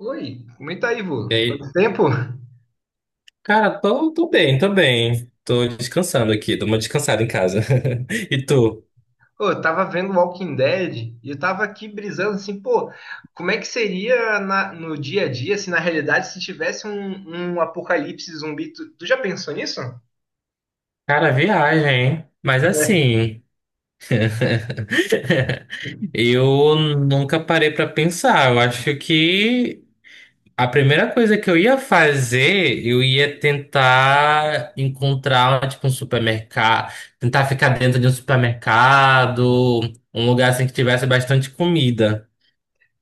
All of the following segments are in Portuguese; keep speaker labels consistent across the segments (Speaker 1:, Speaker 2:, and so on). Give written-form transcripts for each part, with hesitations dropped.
Speaker 1: Oi, comenta aí, vô.
Speaker 2: E aí,
Speaker 1: Quanto tempo?
Speaker 2: cara, tô bem, tô bem. Tô descansando aqui, dou uma descansada em casa. E tu?
Speaker 1: Pô, eu tava vendo Walking Dead e eu tava aqui brisando assim, pô, como é que seria no dia a dia se na realidade se tivesse um apocalipse zumbi? Tu já pensou nisso?
Speaker 2: Cara, viagem, hein? Mas
Speaker 1: É.
Speaker 2: assim, eu nunca parei pra pensar. Eu acho que a primeira coisa que eu ia fazer, eu ia tentar encontrar, tipo, um supermercado, tentar ficar dentro de um supermercado, um lugar assim que tivesse bastante comida.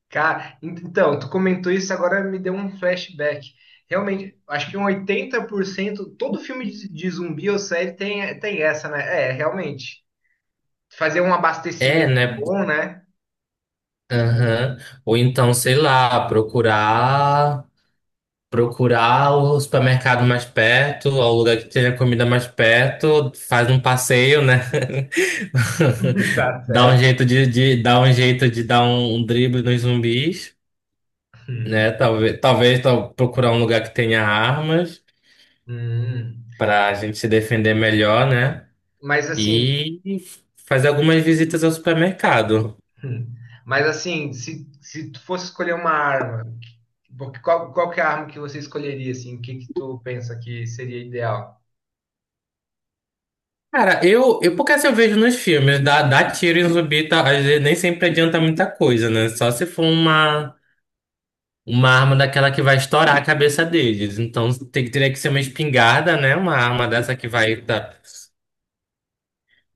Speaker 1: Cara, então, tu comentou isso, agora me deu um flashback. Realmente, acho que um 80% todo filme de zumbi ou série tem essa, né? É, realmente. Fazer um
Speaker 2: É,
Speaker 1: abastecimento
Speaker 2: né?
Speaker 1: bom, né?
Speaker 2: Aham. Ou então, sei lá, procurar. Procurar o supermercado mais perto, ou o lugar que tenha comida mais perto, faz um passeio, né?
Speaker 1: Tá
Speaker 2: Dá um
Speaker 1: certo.
Speaker 2: jeito de dar um jeito de dar um drible nos zumbis,
Speaker 1: Uhum.
Speaker 2: né? Talvez procurar um lugar que tenha armas
Speaker 1: Hum.
Speaker 2: para a gente se defender melhor, né?
Speaker 1: Mas assim,
Speaker 2: E fazer algumas visitas ao supermercado.
Speaker 1: mas assim, se tu fosse escolher uma arma, porque qual que é a arma que você escolheria, assim? O que que tu pensa que seria ideal?
Speaker 2: Cara, eu porque assim eu vejo nos filmes, dar dá dá tiro em zumbi, tá, às vezes nem sempre adianta muita coisa, né? Só se for uma arma daquela que vai estourar a cabeça deles. Então teria que ser uma espingarda, né? Uma arma dessa que vai tá,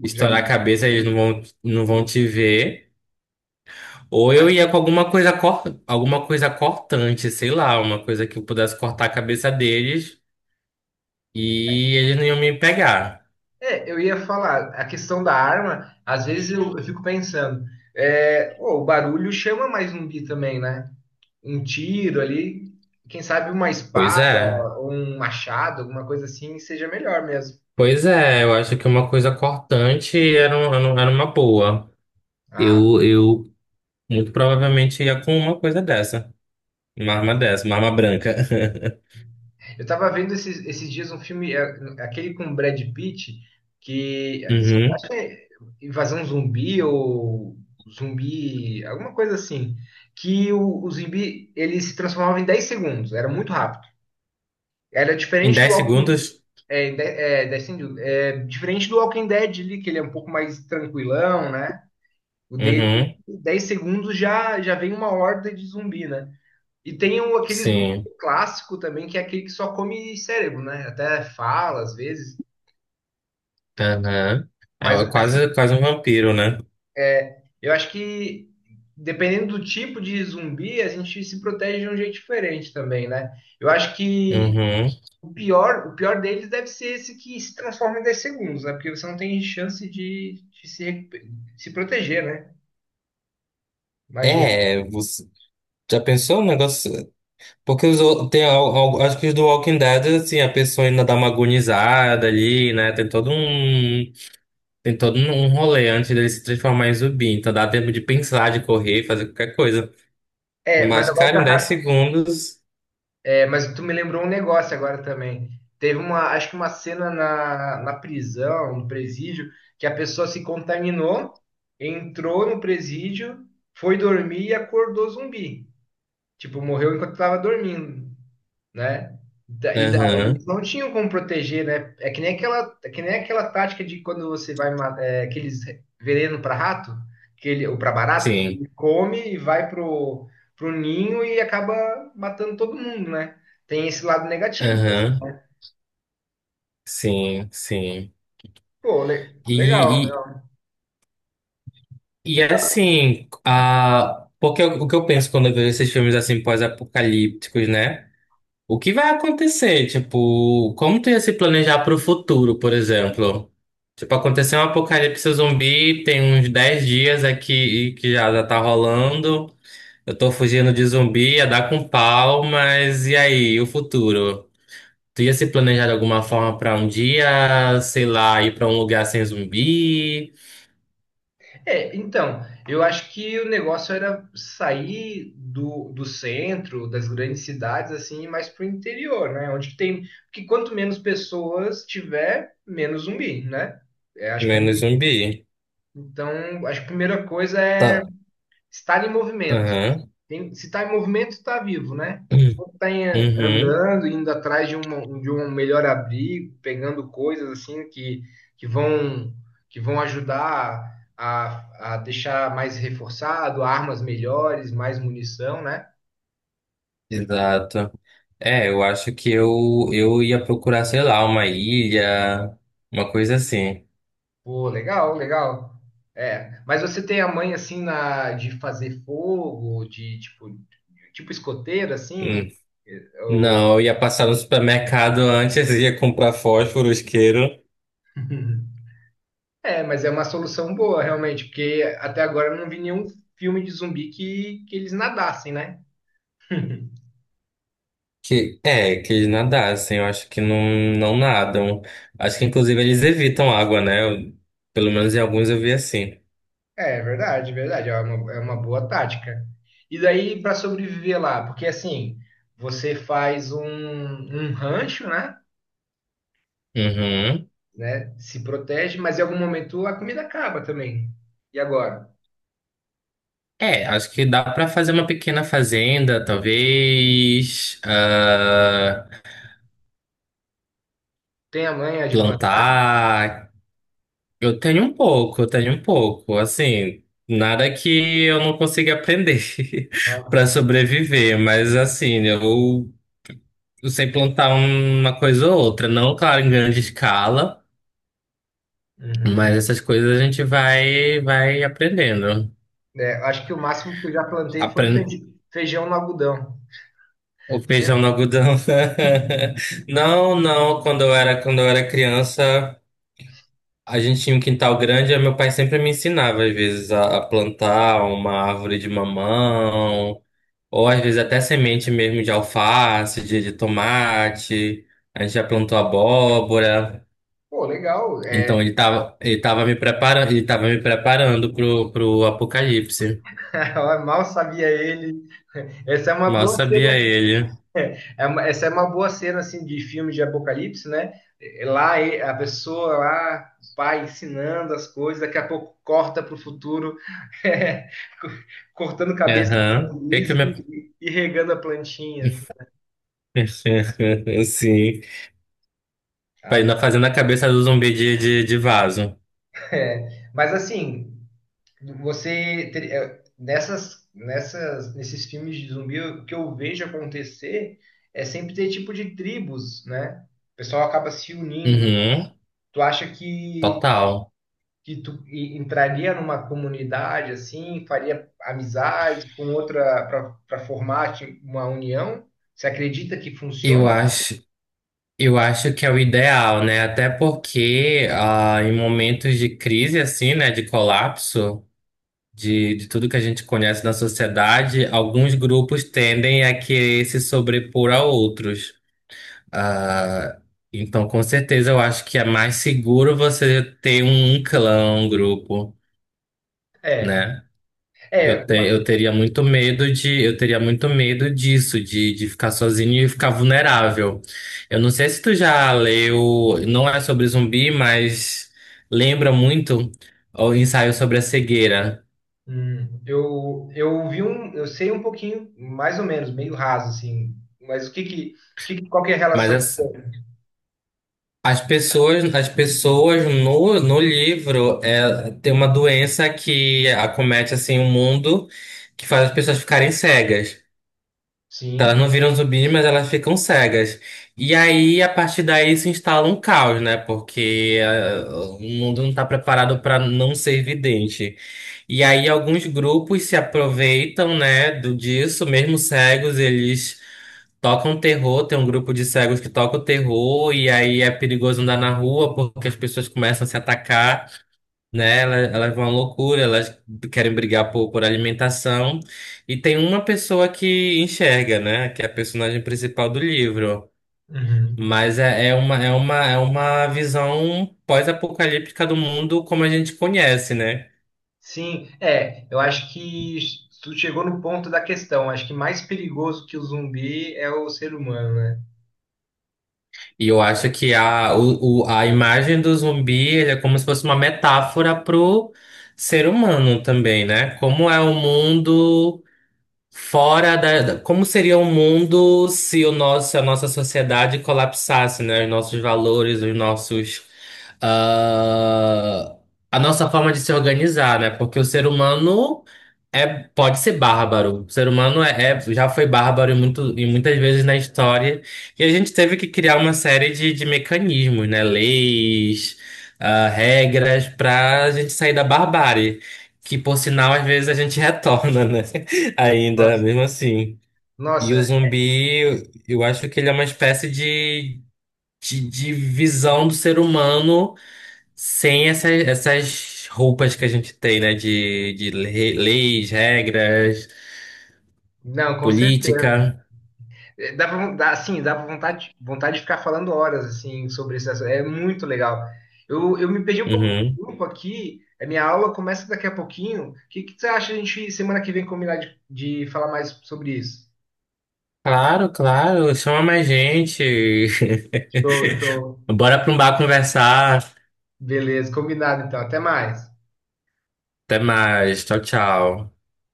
Speaker 2: estourar
Speaker 1: Já,
Speaker 2: a cabeça, eles não vão te ver. Ou eu
Speaker 1: mas,
Speaker 2: ia com alguma coisa cortante, sei lá, uma coisa que eu pudesse cortar a cabeça deles e eles não iam me pegar.
Speaker 1: é, eu ia falar, a questão da arma, às vezes eu fico pensando, é, pô, o barulho chama mais zumbi também, né? Um tiro ali, quem sabe uma
Speaker 2: Pois
Speaker 1: espada,
Speaker 2: é.
Speaker 1: ou um machado, alguma coisa assim, seja melhor mesmo.
Speaker 2: Pois é, eu acho que uma coisa cortante era uma boa.
Speaker 1: Ah,
Speaker 2: Eu muito provavelmente ia com uma coisa dessa. Uma arma dessa, uma arma branca.
Speaker 1: eu tava vendo esses dias um filme, é, aquele com Brad Pitt, que
Speaker 2: Uhum.
Speaker 1: acho que é Invasão Zumbi ou Zumbi, alguma coisa assim, que o zumbi ele se transformava em 10 segundos, era muito rápido. Era
Speaker 2: Em
Speaker 1: diferente do
Speaker 2: 10
Speaker 1: Walking,
Speaker 2: segundos?
Speaker 1: é, é, 10 segundos, é, diferente do Walking Dead ali, que ele é um pouco mais tranquilão, né? O dele,
Speaker 2: Uhum.
Speaker 1: em 10 segundos já já vem uma horda de zumbi, né? E tem um, aqueles zumbi
Speaker 2: Sim.
Speaker 1: clássico também, que é aquele que só come cérebro, né? Até fala às vezes.
Speaker 2: Aham.
Speaker 1: Mas
Speaker 2: É
Speaker 1: assim,
Speaker 2: quase, quase um vampiro, né?
Speaker 1: eu acho que dependendo do tipo de zumbi, a gente se protege de um jeito diferente também, né? Eu acho que
Speaker 2: Uhum.
Speaker 1: o pior deles deve ser esse que se transforma em 10 segundos, né? Porque você não tem chance de, de se proteger, né? Imagina.
Speaker 2: É, você já pensou no negócio? Porque os, ou- tem, al- al- acho que os do Walking Dead, assim, a pessoa ainda dá uma agonizada ali, né? Tem todo um rolê antes dele se transformar em zumbi. Então dá tempo de pensar, de correr, fazer qualquer coisa.
Speaker 1: É, mas
Speaker 2: Mas,
Speaker 1: agora
Speaker 2: cara, em dez
Speaker 1: tá,
Speaker 2: segundos.
Speaker 1: é, mas tu me lembrou um negócio agora também. Teve uma, acho que uma cena na prisão, no presídio, que a pessoa se contaminou, entrou no presídio, foi dormir e acordou zumbi. Tipo, morreu enquanto estava dormindo, né? E daí
Speaker 2: Aham.
Speaker 1: eles não tinham como proteger, né? É que nem aquela, é que nem aquela tática de quando você vai aqueles veneno para rato, que ele, ou para barata, que
Speaker 2: Sim.
Speaker 1: ele come e vai pro ninho e acaba matando todo mundo, né? Tem esse lado negativo.
Speaker 2: Aham. Sim, sim.
Speaker 1: Pô, legal,
Speaker 2: E,
Speaker 1: legal.
Speaker 2: E
Speaker 1: Eu
Speaker 2: assim, a... porque o que eu penso quando eu vejo esses filmes assim pós-apocalípticos, né? O que vai acontecer? Tipo, como tu ia se planejar para o futuro, por exemplo? Tipo, aconteceu um apocalipse zumbi, tem uns 10 dias aqui que já tá rolando. Eu tô fugindo de zumbi, ia dar com pau, mas e aí, o futuro? Tu ia se planejar de alguma forma para um dia, sei lá, ir para um lugar sem zumbi,
Speaker 1: É, então, eu acho que o negócio era sair do centro, das grandes cidades, assim, e mais pro interior, né? Onde tem. Porque quanto menos pessoas tiver, menos zumbi, né? É, acho que é.
Speaker 2: menos zumbi?
Speaker 1: Então, acho que a primeira coisa é
Speaker 2: Tá.
Speaker 1: estar em movimento. Se está em movimento, está vivo, né?
Speaker 2: Hum.
Speaker 1: Quando está
Speaker 2: Uhum,
Speaker 1: andando, indo atrás de um melhor abrigo, pegando coisas assim que vão que vão ajudar a deixar mais reforçado, armas melhores, mais munição, né?
Speaker 2: exato. É, eu acho que eu ia procurar, sei lá, uma ilha, uma coisa assim.
Speaker 1: Pô, legal, legal. É, mas você tem a mãe assim na de fazer fogo, de tipo escoteiro
Speaker 2: Hum.
Speaker 1: assim,
Speaker 2: Não,
Speaker 1: ou...
Speaker 2: eu ia passar no supermercado antes, ia comprar fósforo, isqueiro,
Speaker 1: É, mas é uma solução boa, realmente, porque até agora eu não vi nenhum filme de zumbi que eles nadassem, né?
Speaker 2: que é, que eles nadassem, eu acho que não, não nadam. Acho que inclusive eles evitam água, né? Pelo menos em alguns eu vi assim.
Speaker 1: É, é verdade, é verdade. É uma boa tática. E daí para sobreviver lá, porque assim, você faz um rancho, né?
Speaker 2: Uhum.
Speaker 1: Né? Se protege, mas em algum momento a comida acaba também. E agora?
Speaker 2: É, acho que dá pra fazer uma pequena fazenda, talvez,
Speaker 1: Tem a manha de plantar?
Speaker 2: plantar. Eu tenho um pouco, eu tenho um pouco. Assim, nada que eu não consiga aprender para sobreviver, mas assim, eu sei plantar uma coisa ou outra, não, claro, em grande escala,
Speaker 1: Uhum.
Speaker 2: mas essas coisas a gente vai aprendendo.
Speaker 1: É, acho que o máximo que eu já plantei foi
Speaker 2: Aprende
Speaker 1: feijão no algodão.
Speaker 2: o feijão no algodão. Não, não, quando eu era criança, a gente tinha um quintal grande, e meu pai sempre me ensinava, às vezes, a plantar uma árvore de mamão. Ou às vezes até semente mesmo de alface, de tomate. A gente já plantou abóbora.
Speaker 1: Pô, legal. É,
Speaker 2: Então ele tava me preparando pro apocalipse.
Speaker 1: mal sabia ele. Essa é uma
Speaker 2: Mal
Speaker 1: boa
Speaker 2: sabia
Speaker 1: cena,
Speaker 2: ele.
Speaker 1: essa é uma boa cena assim de filme de apocalipse, né? É, lá a pessoa lá, o pai ensinando as coisas, daqui a pouco corta para o futuro, é, co- cortando cabeça de
Speaker 2: Aham.
Speaker 1: zumbis e regando a plantinha, assim.
Speaker 2: Sim. Pra ir
Speaker 1: Ah,
Speaker 2: fazendo a cabeça do zumbi de vaso.
Speaker 1: é. Mas assim, você nesses filmes de zumbi, o que eu vejo acontecer é sempre ter tipo de tribos, né? O pessoal acaba se unindo.
Speaker 2: Uhum.
Speaker 1: Tu acha que,
Speaker 2: Total.
Speaker 1: que tu entraria numa comunidade assim, faria amizade com outra para formar uma união? Você acredita que
Speaker 2: Eu
Speaker 1: funcione?
Speaker 2: acho, eu acho que é o ideal, né? Até porque em momentos de crise assim, né, de colapso, de tudo que a gente conhece na sociedade, alguns grupos tendem a querer se sobrepor a outros. Ah, então, com certeza, eu acho que é mais seguro você ter um clã, um grupo,
Speaker 1: É,
Speaker 2: né? Eu,
Speaker 1: é.
Speaker 2: te, eu teria muito medo de, eu teria muito medo disso, de ficar sozinho e ficar vulnerável. Eu não sei se tu já leu, não é sobre zumbi, mas lembra muito o ensaio sobre a cegueira.
Speaker 1: Eu vi um, eu sei um pouquinho, mais ou menos, meio raso assim. Mas o que que, qual que é a
Speaker 2: Mas
Speaker 1: relação que
Speaker 2: é,
Speaker 1: tem?
Speaker 2: as pessoas no livro tem uma doença que acomete assim o mundo que faz as pessoas ficarem cegas. Então, elas
Speaker 1: Sim.
Speaker 2: não viram zumbis, mas elas ficam cegas. E aí, a partir daí, se instala um caos, né? Porque o mundo não está preparado para não ser vidente. E aí, alguns grupos se aproveitam, né, disso, mesmo cegos, eles tocam terror. Tem um grupo de cegos que toca o terror, e aí é perigoso andar na rua porque as pessoas começam a se atacar, né? Elas vão à loucura, elas querem brigar por alimentação. E tem uma pessoa que enxerga, né? Que é a personagem principal do livro.
Speaker 1: Uhum.
Speaker 2: Mas é uma visão pós-apocalíptica do mundo como a gente conhece, né?
Speaker 1: Sim, é, eu acho que tu chegou no ponto da questão. Acho que mais perigoso que o zumbi é o ser humano, né?
Speaker 2: E eu acho que a imagem do zumbi ele é como se fosse uma metáfora pro ser humano também, né? Como é o mundo. Como seria o mundo se se a nossa sociedade colapsasse, né? Os nossos valores, ah, a nossa forma de se organizar, né? Porque o ser humano é, pode ser bárbaro. O ser humano já foi bárbaro e muitas vezes na história. E a gente teve que criar uma série de mecanismos, né? Leis, regras para a gente sair da barbárie, que por sinal às vezes a gente retorna, né? Ainda,
Speaker 1: Nossa,
Speaker 2: mesmo assim. E o
Speaker 1: nossa,
Speaker 2: zumbi, eu acho que ele é uma espécie de visão do ser humano sem essas roupas que a gente tem, né? De leis, regras,
Speaker 1: não, com certeza.
Speaker 2: política.
Speaker 1: Eh, dá, assim, dá pra vontade, vontade de ficar falando horas assim sobre esse assunto. É muito legal. Eu me perdi um pouco
Speaker 2: Uhum.
Speaker 1: do grupo aqui. A minha aula começa daqui a pouquinho. O que, que você acha a gente semana que vem combinar de falar mais sobre isso?
Speaker 2: Claro, claro. Chama mais gente.
Speaker 1: Show, show.
Speaker 2: Bora pra um bar conversar.
Speaker 1: Beleza, combinado então. Até mais.
Speaker 2: Até mais. Tchau, tchau.